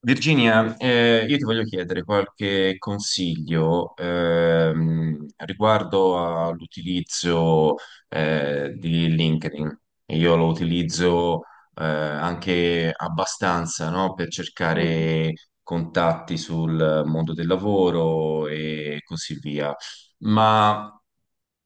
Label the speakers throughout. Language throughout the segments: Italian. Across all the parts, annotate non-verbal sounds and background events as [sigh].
Speaker 1: Virginia, io ti voglio chiedere qualche consiglio riguardo all'utilizzo di LinkedIn. Io lo utilizzo anche abbastanza, no, per
Speaker 2: Mm.
Speaker 1: cercare contatti sul mondo del lavoro e così via. Ma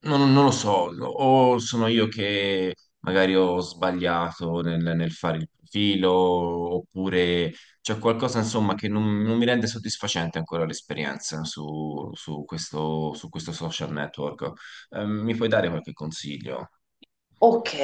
Speaker 1: non lo so, o sono io che magari ho sbagliato nel fare il profilo, oppure c'è qualcosa insomma che non mi rende soddisfacente ancora l'esperienza su questo, su questo social network. Mi puoi dare qualche consiglio?
Speaker 2: Ok,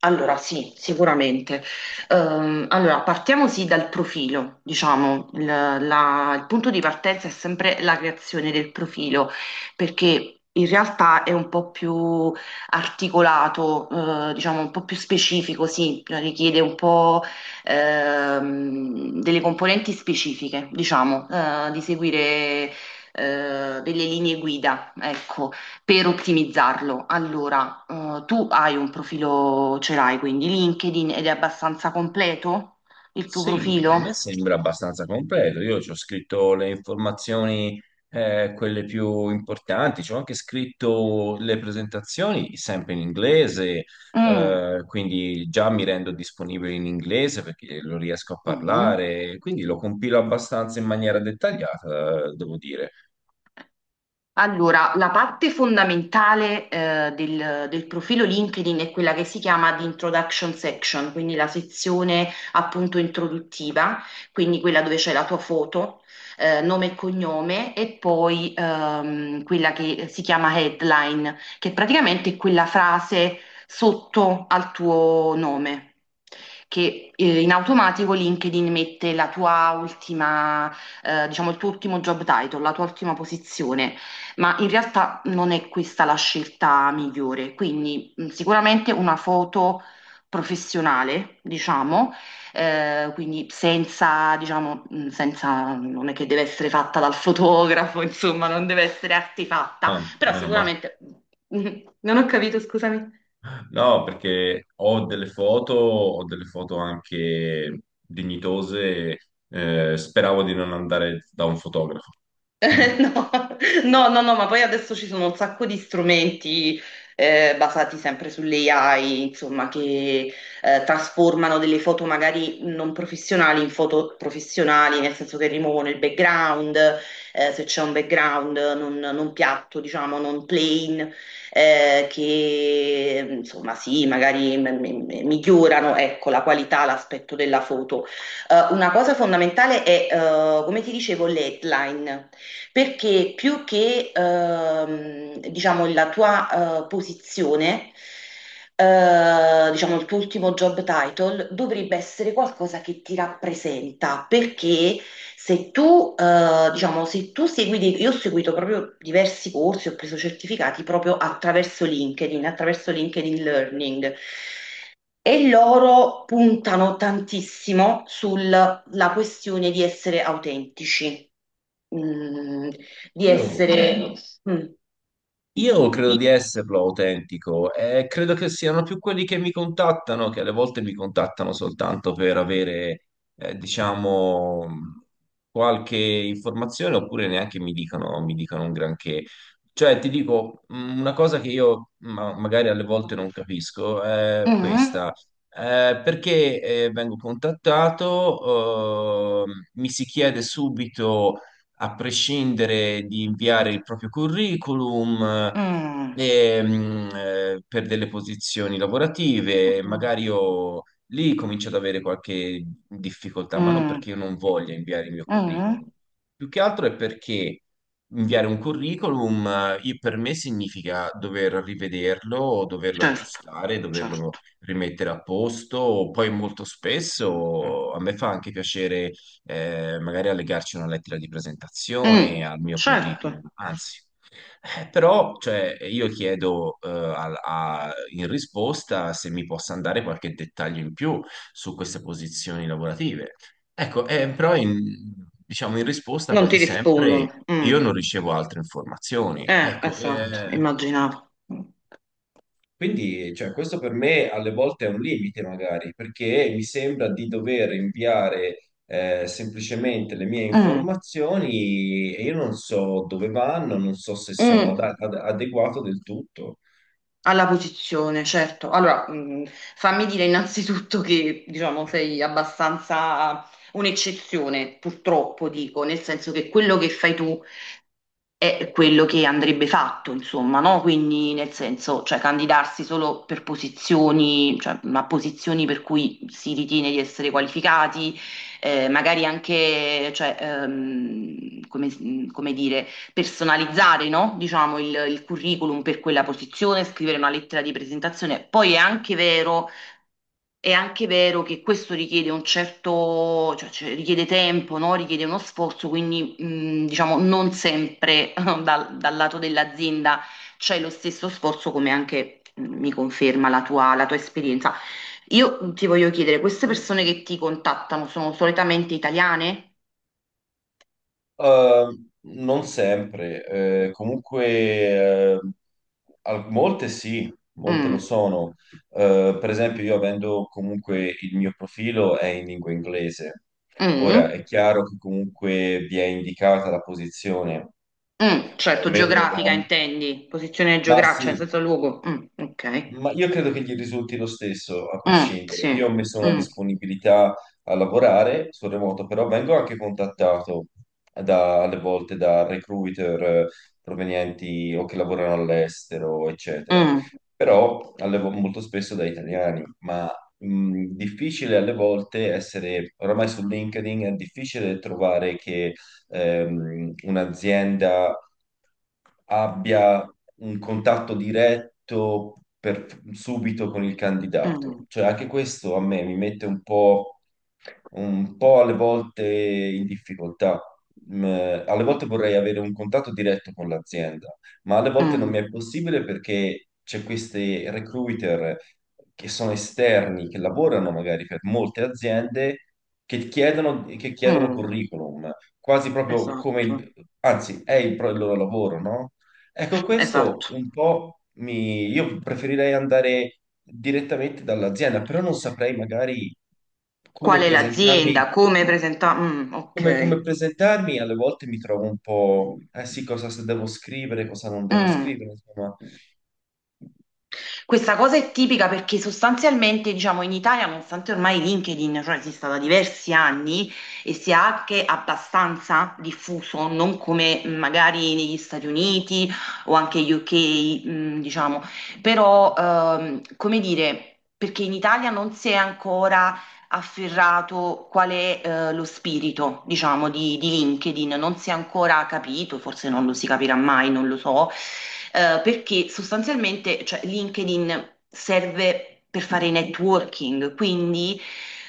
Speaker 2: allora sì, sicuramente. Allora, partiamo sì dal profilo, diciamo, il punto di partenza è sempre la creazione del profilo, perché in realtà è un po' più articolato, diciamo, un po' più specifico, sì, richiede un po' delle componenti specifiche, diciamo, di seguire delle linee guida, ecco, per ottimizzarlo. Allora, tu hai un profilo, ce l'hai quindi LinkedIn, ed è abbastanza completo il tuo
Speaker 1: Sì, a
Speaker 2: profilo?
Speaker 1: me sembra abbastanza completo. Io ci ho scritto le informazioni, quelle più importanti, ci ho anche scritto le presentazioni sempre in inglese,
Speaker 2: Mm,
Speaker 1: quindi già mi rendo disponibile in inglese perché lo riesco a
Speaker 2: mm.
Speaker 1: parlare, quindi lo compilo abbastanza in maniera dettagliata, devo dire.
Speaker 2: Allora, la parte fondamentale del profilo LinkedIn è quella che si chiama di introduction section, quindi la sezione appunto introduttiva, quindi quella dove c'è la tua foto, nome e cognome, e poi quella che si chiama headline, che praticamente è quella frase sotto al tuo nome. Che in automatico LinkedIn mette la tua ultima, diciamo il tuo ultimo job title, la tua ultima posizione, ma in realtà non è questa la scelta migliore. Quindi sicuramente una foto professionale, diciamo, quindi senza, diciamo, senza, non è che deve essere fatta dal fotografo, [laughs] insomma, non deve essere artefatta,
Speaker 1: Ah,
Speaker 2: però
Speaker 1: meno male.
Speaker 2: sicuramente, [laughs] non ho capito, scusami.
Speaker 1: No, perché ho delle foto anche dignitose, speravo di non andare da un fotografo.
Speaker 2: [laughs]
Speaker 1: Mhm.
Speaker 2: No, no, no, no, ma poi adesso ci sono un sacco di strumenti basati sempre sull'AI, insomma, che trasformano delle foto magari non professionali in foto professionali, nel senso che rimuovono il background, se c'è un background non piatto, diciamo, non plain, che insomma, sì, magari migliorano, ecco, la qualità, l'aspetto della foto. Una cosa fondamentale è, come ti dicevo, le headline. Perché più che, diciamo, la tua posizione, diciamo, il tuo ultimo job title dovrebbe essere qualcosa che ti rappresenta, perché se tu, diciamo, se tu segui, io ho seguito proprio diversi corsi, ho preso certificati proprio attraverso LinkedIn Learning. E loro puntano tantissimo sulla questione di essere autentici, mm, di
Speaker 1: Io,
Speaker 2: essere... Mm.
Speaker 1: io credo di esserlo autentico e credo che siano più quelli che mi contattano, che alle volte mi contattano soltanto per avere, diciamo, qualche informazione oppure neanche mi dicono un granché. Cioè, ti dico, una cosa che io magari alle volte non capisco è
Speaker 2: Mm,
Speaker 1: questa. Perché vengo contattato, mi si chiede subito a prescindere di inviare il proprio curriculum
Speaker 2: mm,
Speaker 1: e, per delle posizioni lavorative,
Speaker 2: mm,
Speaker 1: magari io lì comincio ad avere qualche difficoltà, ma non
Speaker 2: mm,
Speaker 1: perché io non voglia inviare il mio curriculum,
Speaker 2: mm.
Speaker 1: più che altro è perché inviare un curriculum per me significa dover rivederlo, o doverlo
Speaker 2: Certo,
Speaker 1: aggiustare, doverlo
Speaker 2: certo.
Speaker 1: rimettere a posto, poi molto spesso a me fa anche piacere magari allegarci una lettera di
Speaker 2: Mm,
Speaker 1: presentazione al mio curriculum,
Speaker 2: certo,
Speaker 1: anzi. Però cioè, io chiedo in risposta se mi possa andare qualche dettaglio in più su queste posizioni lavorative. Ecco, però in, diciamo in risposta
Speaker 2: non
Speaker 1: quasi
Speaker 2: ti
Speaker 1: sempre
Speaker 2: rispondono. Mm.
Speaker 1: io non ricevo altre informazioni. Ecco,
Speaker 2: Esatto, immaginavo. Mm,
Speaker 1: quindi, cioè, questo per me alle volte è un limite, magari, perché mi sembra di dover inviare semplicemente le mie
Speaker 2: mm.
Speaker 1: informazioni e io non so dove vanno, non so se sono
Speaker 2: Mm.
Speaker 1: adeguato del tutto.
Speaker 2: Alla posizione, certo. Allora, fammi dire innanzitutto che, diciamo, sei abbastanza un'eccezione, purtroppo dico, nel senso che quello che fai tu è quello che andrebbe fatto, insomma, no? Quindi, nel senso, cioè, candidarsi solo per posizioni, cioè, ma posizioni per cui si ritiene di essere qualificati, magari anche, cioè, come come dire personalizzare, no? Diciamo il curriculum per quella posizione, scrivere una lettera di presentazione. Poi è anche vero che questo richiede un certo, cioè, richiede tempo, no? Richiede uno sforzo, quindi diciamo non sempre [laughs] dal lato dell'azienda c'è lo stesso sforzo, come anche mi conferma la tua esperienza. Io ti voglio chiedere, queste persone che ti contattano sono solitamente italiane?
Speaker 1: Non sempre, comunque eh, molte sì, molte lo
Speaker 2: Mm,
Speaker 1: sono. Per esempio, io avendo comunque il mio profilo è in lingua inglese. Ora
Speaker 2: mm.
Speaker 1: è chiaro che comunque vi è indicata la posizione,
Speaker 2: Mm,
Speaker 1: o
Speaker 2: certo,
Speaker 1: almeno,
Speaker 2: geografica intendi, posizione
Speaker 1: ma
Speaker 2: geografica,
Speaker 1: sì.
Speaker 2: cioè senza luogo. Mm, ok.
Speaker 1: Ma io credo che gli risulti lo stesso, a
Speaker 2: Mm,
Speaker 1: prescindere. Io ho
Speaker 2: sì.
Speaker 1: messo una
Speaker 2: Mm,
Speaker 1: disponibilità a lavorare sul remoto, però vengo anche contattato alle volte da recruiter provenienti o che lavorano all'estero, eccetera.
Speaker 2: mm,
Speaker 1: Però molto spesso da italiani, ma difficile alle volte essere, oramai su LinkedIn è difficile trovare che un'azienda abbia un contatto diretto subito con il candidato.
Speaker 2: mm,
Speaker 1: Cioè, anche questo a me mi mette un po' alle volte in difficoltà. Mm, alle volte vorrei avere un contatto diretto con l'azienda, ma alle volte non
Speaker 2: mm,
Speaker 1: mi è possibile perché c'è questi recruiter che sono esterni, che lavorano magari per molte aziende, che chiedono
Speaker 2: mm.
Speaker 1: curriculum, quasi proprio come
Speaker 2: Esatto,
Speaker 1: anzi, è il loro lavoro, no? Ecco, questo
Speaker 2: esatto.
Speaker 1: un po' mi... Io preferirei andare direttamente dall'azienda, però non saprei magari
Speaker 2: Qual
Speaker 1: come
Speaker 2: è
Speaker 1: presentarmi,
Speaker 2: l'azienda? Come presenta? Mm,
Speaker 1: come
Speaker 2: ok.
Speaker 1: presentarmi, alle volte mi trovo un po', eh sì, cosa se devo scrivere, cosa non devo
Speaker 2: Mm.
Speaker 1: scrivere, insomma,
Speaker 2: Questa cosa è tipica perché sostanzialmente, diciamo, in Italia, nonostante ormai LinkedIn, cioè, esista da diversi anni e sia anche abbastanza diffuso, non come magari negli Stati Uniti o anche UK, diciamo, però, come dire, perché in Italia non si è ancora afferrato qual è lo spirito, diciamo, di LinkedIn. Non si è ancora capito, forse non lo si capirà mai, non lo so, perché sostanzialmente, cioè, LinkedIn serve per fare networking, quindi...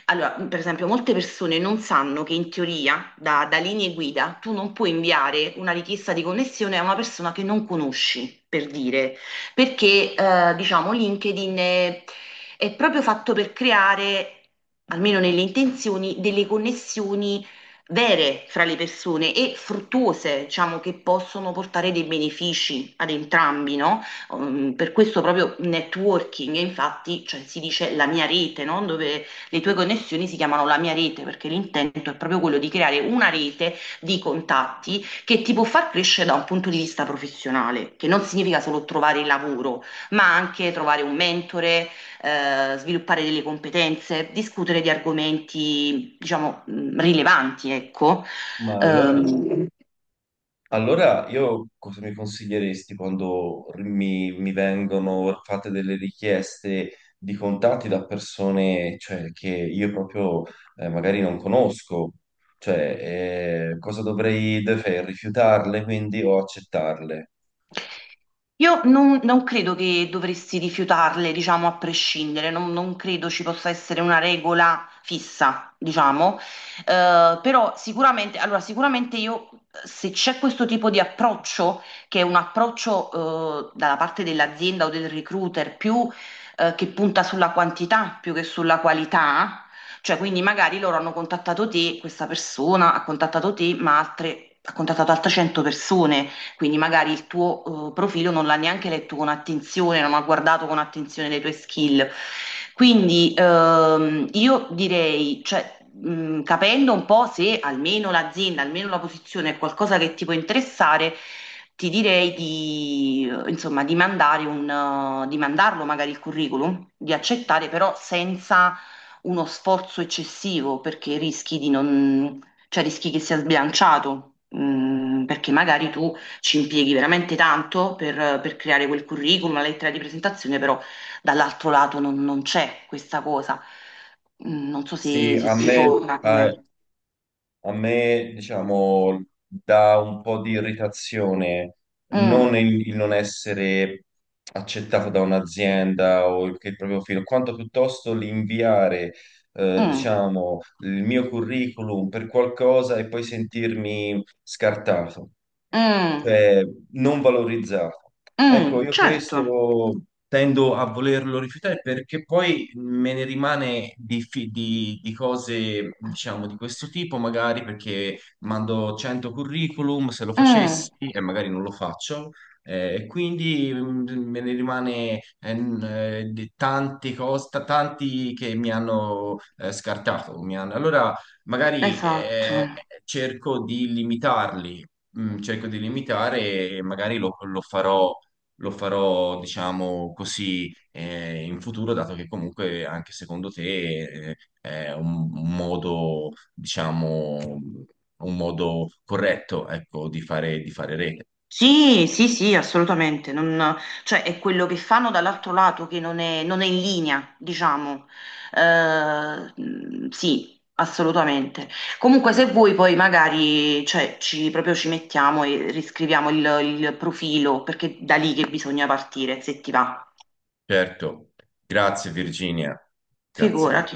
Speaker 2: Allora, per esempio, molte persone non sanno che in teoria, da linee guida, tu non puoi inviare una richiesta di connessione a una persona che non conosci, per dire, perché diciamo LinkedIn è proprio fatto per creare, almeno nelle intenzioni, delle connessioni vere fra le persone e fruttuose, diciamo, che possono portare dei benefici ad entrambi, no? Per questo proprio networking, e infatti, cioè, si dice la mia rete, no? Dove le tue connessioni si chiamano la mia rete, perché l'intento è proprio quello di creare una rete di contatti che ti può far crescere da un punto di vista professionale, che non significa solo trovare il lavoro, ma anche trovare un mentore, sviluppare delle competenze, discutere di argomenti, diciamo, rilevanti, ecco.
Speaker 1: ma allora
Speaker 2: Ehm,
Speaker 1: Allora, io cosa mi consiglieresti quando mi vengono fatte delle richieste di contatti da persone, cioè, che io proprio magari non conosco? Cioè, cosa dovrei rifiutarle quindi o accettarle?
Speaker 2: Io non credo che dovresti rifiutarle, diciamo, a prescindere, non credo ci possa essere una regola fissa, diciamo. Però sicuramente, allora, sicuramente io, se c'è questo tipo di approccio, che è un approccio, dalla parte dell'azienda o del recruiter, più, che punta sulla quantità più che sulla qualità, cioè, quindi magari loro hanno contattato te, questa persona ha contattato te, ma altre, ha contattato altre 100 persone. Quindi magari il tuo profilo non l'ha neanche letto con attenzione, non ha guardato con attenzione le tue skill. Quindi io direi, cioè, capendo un po' se almeno l'azienda, almeno la posizione è qualcosa che ti può interessare, ti direi di, insomma, di mandare un, di mandarlo magari il curriculum, di accettare però senza uno sforzo eccessivo perché rischi di non, cioè rischi che sia sbilanciato, mm, perché magari tu ci impieghi veramente tanto per creare quel curriculum, la lettera di presentazione, però dall'altro lato non c'è questa cosa. Mm, non so
Speaker 1: Sì,
Speaker 2: se, se
Speaker 1: a
Speaker 2: ti Sì.
Speaker 1: me,
Speaker 2: torna
Speaker 1: eh,
Speaker 2: come...
Speaker 1: A me, diciamo, dà un po' di irritazione non
Speaker 2: Mm,
Speaker 1: il non essere accettato da un'azienda o il, che il proprio filo, quanto piuttosto l'inviare,
Speaker 2: mm,
Speaker 1: diciamo, il mio curriculum per qualcosa e poi sentirmi scartato,
Speaker 2: mm,
Speaker 1: cioè non valorizzato. Ecco,
Speaker 2: mm,
Speaker 1: io questo
Speaker 2: certo.
Speaker 1: tendo a volerlo rifiutare perché poi me ne rimane di cose, diciamo, di questo tipo, magari perché mando 100 curriculum, se lo
Speaker 2: Mm,
Speaker 1: facessi e magari non lo faccio, e quindi me ne rimane di tante cose, tanti che mi hanno scartato. Allora, magari
Speaker 2: esatto.
Speaker 1: cerco di limitarli, mm, cerco di limitare e magari lo farò diciamo così, in futuro, dato che comunque anche secondo te, eh, è un modo, diciamo, un modo corretto, ecco, di fare rete.
Speaker 2: Sì, sì, sì, assolutamente. Cioè, è quello che fanno dall'altro lato che non è, non è in linea, diciamo. Eh, sì, assolutamente. Comunque, se vuoi, poi magari, cioè, ci, proprio ci mettiamo e riscriviamo il profilo, perché da lì che bisogna partire, se ti va.
Speaker 1: Certo. Grazie Virginia. Grazie.
Speaker 2: Figurati.